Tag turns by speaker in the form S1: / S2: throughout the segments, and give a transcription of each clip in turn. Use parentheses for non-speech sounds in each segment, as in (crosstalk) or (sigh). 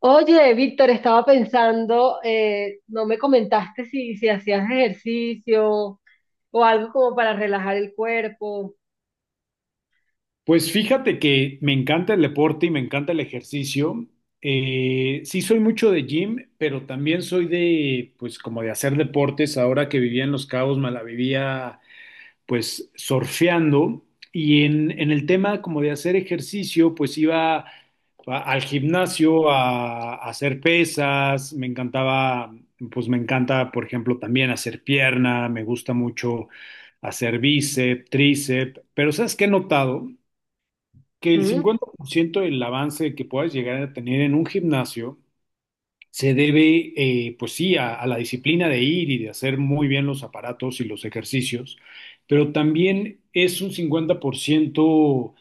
S1: Oye, Víctor, estaba pensando, no me comentaste si hacías ejercicio o algo como para relajar el cuerpo.
S2: Pues fíjate que me encanta el deporte y me encanta el ejercicio. Sí soy mucho de gym, pero también soy de, pues como de hacer deportes. Ahora que vivía en Los Cabos, me la vivía pues surfeando. Y en el tema como de hacer ejercicio, pues al gimnasio a hacer pesas. Me encantaba, pues me encanta, por ejemplo, también hacer pierna. Me gusta mucho hacer bíceps, tríceps. Pero ¿sabes qué he notado? Que el
S1: Ujú.
S2: 50% del avance que puedas llegar a tener en un gimnasio se debe, pues sí, a la disciplina de ir y de hacer muy bien los aparatos y los ejercicios, pero también es un 50%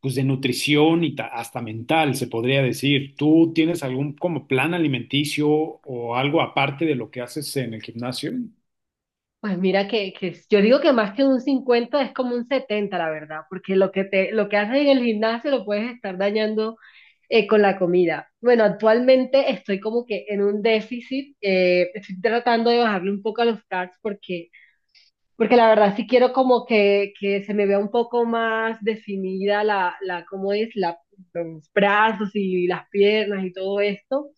S2: pues de nutrición y hasta mental, se podría decir. ¿Tú tienes algún como plan alimenticio o algo aparte de lo que haces en el gimnasio?
S1: Pues mira que yo digo que más que un 50 es como un 70, la verdad, porque lo que lo que haces en el gimnasio lo puedes estar dañando con la comida. Bueno, actualmente estoy como que en un déficit, estoy tratando de bajarle un poco a los carbs porque porque la verdad sí quiero como que se me vea un poco más definida ¿cómo es? Los brazos y las piernas y todo esto.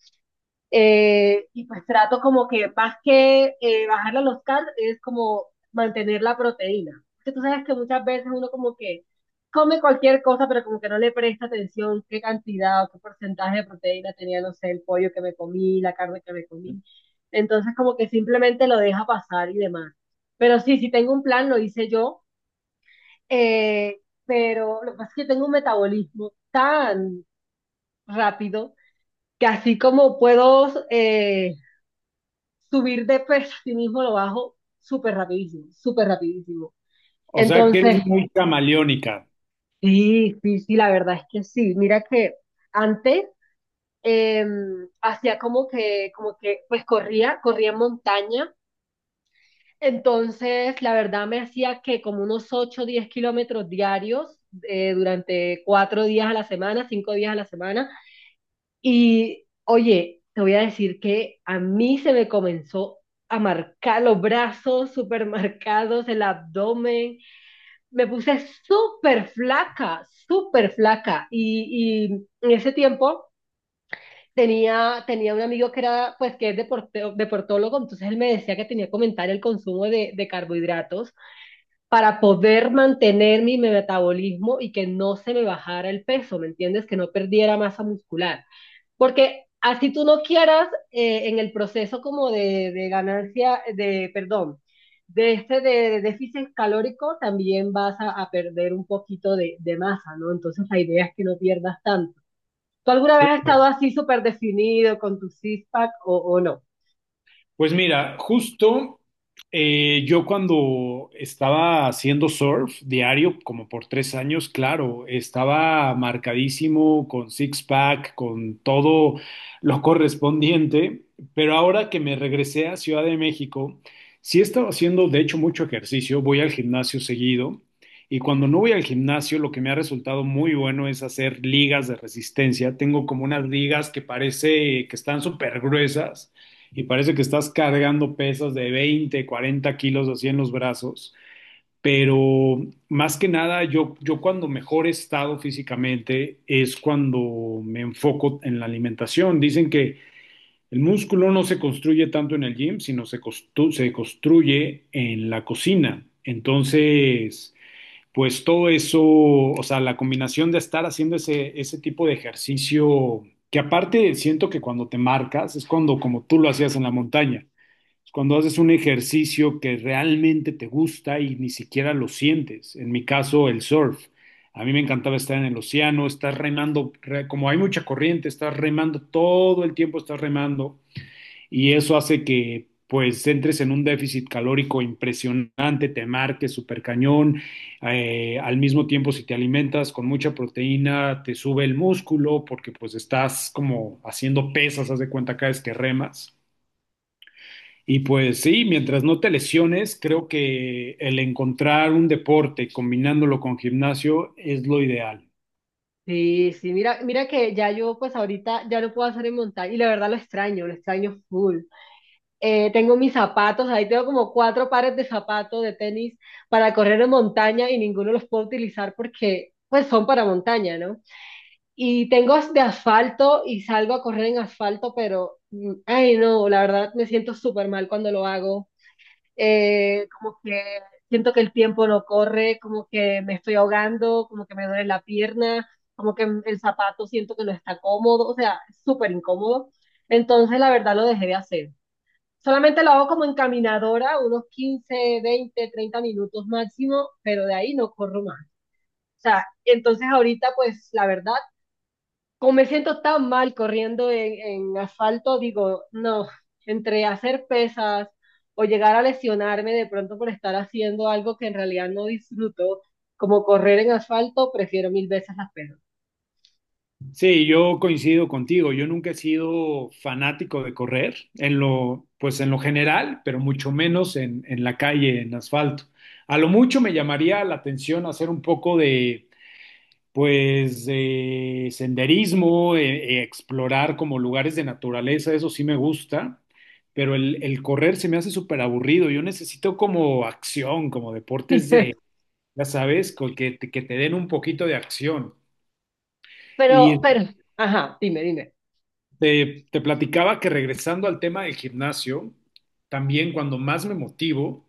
S1: Y pues trato como que más que bajarle los carbs, es como mantener la proteína. Porque tú sabes que muchas veces uno como que come cualquier cosa, pero como que no le presta atención qué cantidad o qué porcentaje de proteína tenía, no sé, el pollo que me comí, la carne que me comí. Entonces como que simplemente lo deja pasar y demás. Pero sí, si tengo un plan, lo hice yo, pero lo que pasa es que tengo un metabolismo tan rápido que así como puedo subir de peso a sí mismo lo bajo súper rapidísimo, súper rapidísimo.
S2: O sea, que
S1: Entonces,
S2: eres muy camaleónica.
S1: sí, sí, sí, la verdad es que sí. Mira que antes eh, hacía como pues corría en montaña. Entonces, la verdad me hacía que como unos 8 o 10 kilómetros diarios durante 4 días a la semana, 5 días a la semana. Y oye, te voy a decir que a mí se me comenzó a marcar los brazos súper marcados, el abdomen. Me puse súper flaca, súper flaca. Y en ese tiempo tenía un amigo que era, pues, que es deportólogo, entonces él me decía que tenía que aumentar el consumo de carbohidratos para poder mantener mi metabolismo y que no se me bajara el peso, ¿me entiendes? Que no perdiera masa muscular. Porque así tú no quieras, en el proceso como de ganancia, de, perdón, de de déficit calórico, también vas a perder un poquito de masa, ¿no? Entonces la idea es que no pierdas tanto. ¿Tú alguna vez has
S2: Claro.
S1: estado así súper definido con tu six-pack o no?
S2: Pues mira, justo yo cuando estaba haciendo surf diario, como por 3 años, claro, estaba marcadísimo con six-pack, con todo lo (laughs) correspondiente, pero ahora que me regresé a Ciudad de México, sí he estado haciendo, de hecho, mucho ejercicio, voy al gimnasio seguido. Y cuando no voy al gimnasio, lo que me ha resultado muy bueno es hacer ligas de resistencia. Tengo como unas ligas que parece que están súper gruesas y parece que estás cargando pesas de 20, 40 kilos así en los brazos. Pero más que nada, yo cuando mejor he estado físicamente es cuando me enfoco en la alimentación. Dicen que el músculo no se construye tanto en el gym, sino se, se construye en la cocina. Entonces, pues todo eso, o sea, la combinación de estar haciendo ese tipo de ejercicio, que aparte siento que cuando te marcas es cuando como tú lo hacías en la montaña cuando haces un ejercicio que realmente te gusta y ni siquiera lo sientes. En mi caso, el surf. A mí me encantaba estar en el océano, estás remando, como hay mucha corriente, estás remando todo el tiempo, estás remando y eso hace que pues entres en un déficit calórico impresionante, te marques súper cañón, al mismo tiempo si te alimentas con mucha proteína, te sube el músculo porque pues estás como haciendo pesas, haz de cuenta cada vez que remas. Y pues sí, mientras no te lesiones, creo que el encontrar un deporte combinándolo con gimnasio es lo ideal.
S1: Sí, sí, mira, mira que ya yo pues ahorita ya no puedo hacer en montaña y la verdad lo extraño full. Tengo mis zapatos, ahí tengo como 4 pares de zapatos de tenis para correr en montaña y ninguno los puedo utilizar porque pues son para montaña, ¿no? Y tengo de asfalto y salgo a correr en asfalto, pero, ay no, la verdad me siento súper mal cuando lo hago. Como que siento que el tiempo no corre, como que me estoy ahogando, como que me duele la pierna, como que el zapato siento que no está cómodo, o sea, es súper incómodo. Entonces, la verdad lo dejé de hacer. Solamente lo hago como encaminadora, unos 15, 20, 30 minutos máximo, pero de ahí no corro más. O sea, entonces ahorita pues la verdad, como me siento tan mal corriendo en asfalto, digo, no, entre hacer pesas o llegar a lesionarme de pronto por estar haciendo algo que en realidad no disfruto, como correr en asfalto, prefiero mil veces las pesas.
S2: Sí, yo coincido contigo. Yo nunca he sido fanático de correr en lo, pues en lo general, pero mucho menos en la calle, en asfalto. A lo mucho me llamaría la atención hacer un poco de. Pues senderismo, explorar como lugares de naturaleza, eso sí me gusta, pero el correr se me hace súper aburrido. Yo necesito como acción, como deportes de,
S1: (laughs)
S2: ya sabes, que te den un poquito de acción.
S1: Pero,
S2: Y
S1: pero, ajá, dime, dime.
S2: te platicaba que regresando al tema del gimnasio, también cuando más me motivo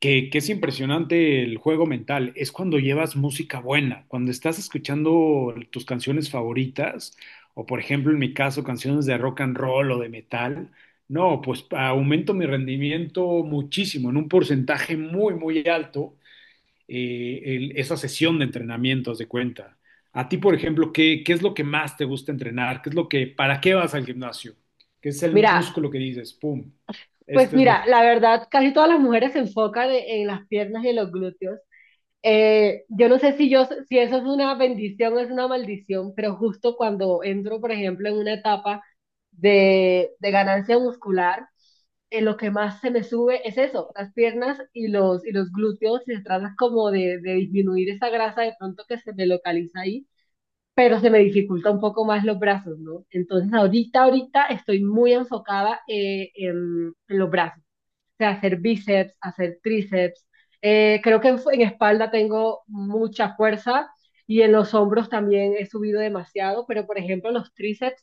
S2: que es impresionante el juego mental, es cuando llevas música buena, cuando estás escuchando tus canciones favoritas, o por ejemplo en mi caso canciones de rock and roll o de metal, no, pues aumento mi rendimiento muchísimo, en un porcentaje muy, muy alto, esa sesión de entrenamiento, haz de cuenta. A ti, por ejemplo, ¿qué es lo que más te gusta entrenar? ¿Qué es lo que, para qué vas al gimnasio? ¿Qué es el
S1: Mira,
S2: músculo que dices, pum,
S1: pues
S2: este es lo...
S1: mira, la verdad, casi todas las mujeres se enfocan en las piernas y en los glúteos. Yo no sé si yo, si eso es una bendición o es una maldición, pero justo cuando entro, por ejemplo, en una etapa de ganancia muscular, lo que más se me sube es eso, las piernas y y los glúteos, se trata como de disminuir esa grasa de pronto que se me localiza ahí, pero se me dificulta un poco más los brazos, ¿no? Entonces ahorita estoy muy enfocada en los brazos sea, hacer bíceps, hacer tríceps. Creo que en espalda tengo mucha fuerza y en los hombros también he subido demasiado, pero por ejemplo los tríceps,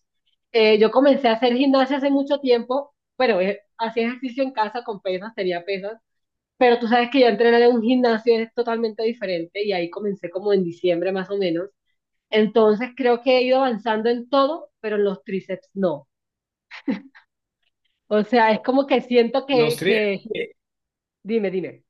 S1: yo comencé a hacer gimnasia hace mucho tiempo, bueno, hacía ejercicio en casa con pesas, tenía pesas, pero tú sabes que ya entrenar en un gimnasio es totalmente diferente y ahí comencé como en diciembre más o menos. Entonces creo que he ido avanzando en todo, pero en los tríceps no. O sea, es como que siento
S2: Los tres...
S1: que... Dime, dime.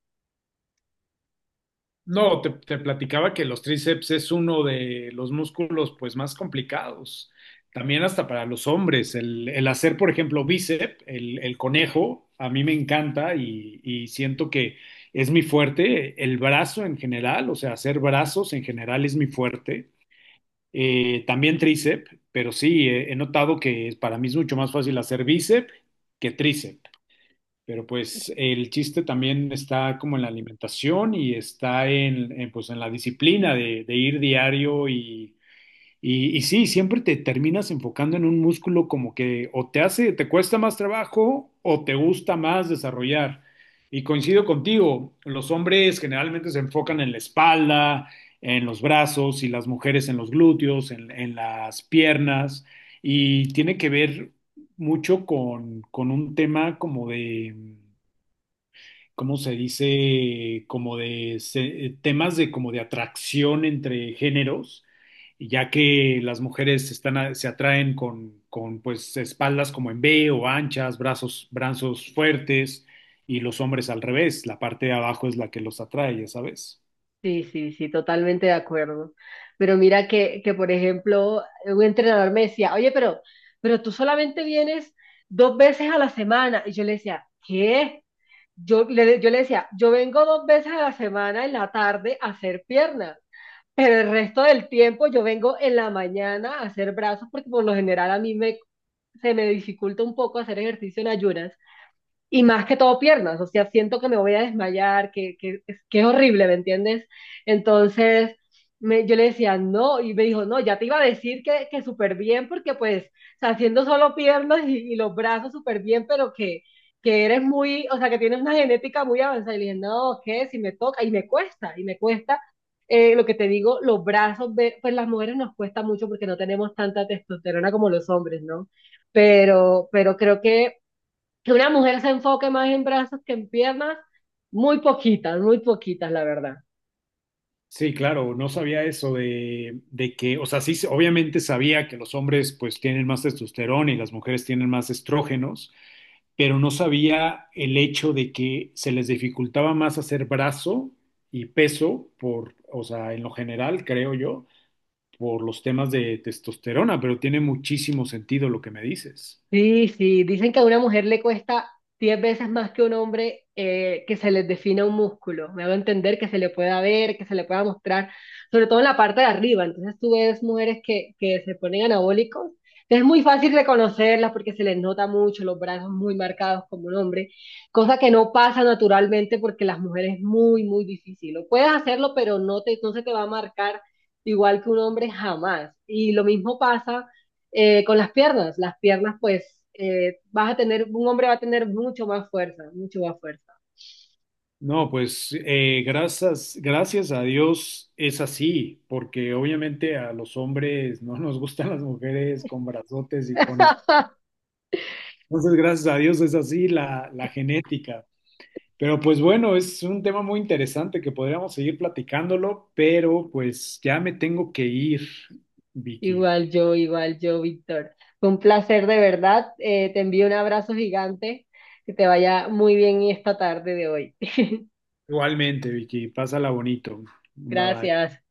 S2: No, te platicaba que los tríceps es uno de los músculos pues más complicados. También hasta para los hombres. El hacer, por ejemplo, bíceps, el conejo, a mí me encanta y siento que es mi fuerte. El brazo en general, o sea, hacer brazos en general es mi fuerte. También tríceps, pero sí, he notado que para mí es mucho más fácil hacer bíceps que tríceps. Pero pues el chiste también está como en la alimentación y está pues en la disciplina de ir diario y sí, siempre te terminas enfocando en un músculo como que o te hace, te cuesta más trabajo o te gusta más desarrollar. Y coincido contigo, los hombres generalmente se enfocan en la espalda, en los brazos y las mujeres en los glúteos, en las piernas y tiene que ver mucho con un tema como de ¿cómo se dice? Como de temas de como de atracción entre géneros, ya que las mujeres se atraen con pues espaldas como en V o anchas, brazos, brazos fuertes, y los hombres al revés, la parte de abajo es la que los atrae, ya sabes.
S1: Sí, sí, sí, totalmente de acuerdo. Pero mira por ejemplo, un entrenador me decía, oye, pero tú solamente vienes dos veces a la semana. Y yo le decía, ¿qué? Yo le decía, yo vengo dos veces a la semana en la tarde a hacer piernas, pero el resto del tiempo yo vengo en la mañana a hacer brazos, porque por lo general a se me dificulta un poco hacer ejercicio en ayunas. Y más que todo piernas, o sea, siento que me voy a desmayar, que es horrible, ¿me entiendes? Entonces, yo le decía, no, y me dijo, no, ya te iba a decir que súper bien, porque pues, o sea, haciendo solo piernas y los brazos súper bien, pero que eres muy, o sea, que tienes una genética muy avanzada. Y le dije, no, ¿qué? Si me toca, y me cuesta, lo que te digo, los brazos, pues las mujeres nos cuesta mucho porque no tenemos tanta testosterona como los hombres, ¿no? Pero creo que una mujer se enfoque más en brazos que en piernas, muy poquitas, la verdad.
S2: Sí, claro, no sabía eso de que, o sea, sí, obviamente sabía que los hombres pues tienen más testosterona y las mujeres tienen más estrógenos, pero no sabía el hecho de que se les dificultaba más hacer brazo y peso por, o sea, en lo general, creo yo, por los temas de testosterona, pero tiene muchísimo sentido lo que me dices.
S1: Sí, sí, dicen que a una mujer le cuesta 10 veces más que a un hombre que se les defina un músculo. Me hago entender que se le pueda ver, que se le pueda mostrar, sobre todo en la parte de arriba. Entonces tú ves mujeres que se ponen anabólicos. Es muy fácil reconocerlas porque se les nota mucho los brazos muy marcados como un hombre, cosa que no pasa naturalmente porque las mujeres es muy, muy difícil. Lo puedes hacerlo, pero no te, no se te va a marcar igual que un hombre jamás. Y lo mismo pasa con las piernas pues vas a tener, un hombre va a tener mucho más fuerza, mucho más fuerza.
S2: No, pues gracias, gracias a Dios es así, porque obviamente a los hombres no nos gustan las mujeres con brazotes y con eso.
S1: (laughs)
S2: Entonces, gracias a Dios es así la genética. Pero pues bueno, es un tema muy interesante que podríamos seguir platicándolo, pero pues ya me tengo que ir, Vicky.
S1: Igual yo, Víctor. Fue un placer de verdad. Te envío un abrazo gigante. Que te vaya muy bien esta tarde de hoy. (laughs)
S2: Igualmente, Vicky, pásala bonito. Bye bye.
S1: Gracias.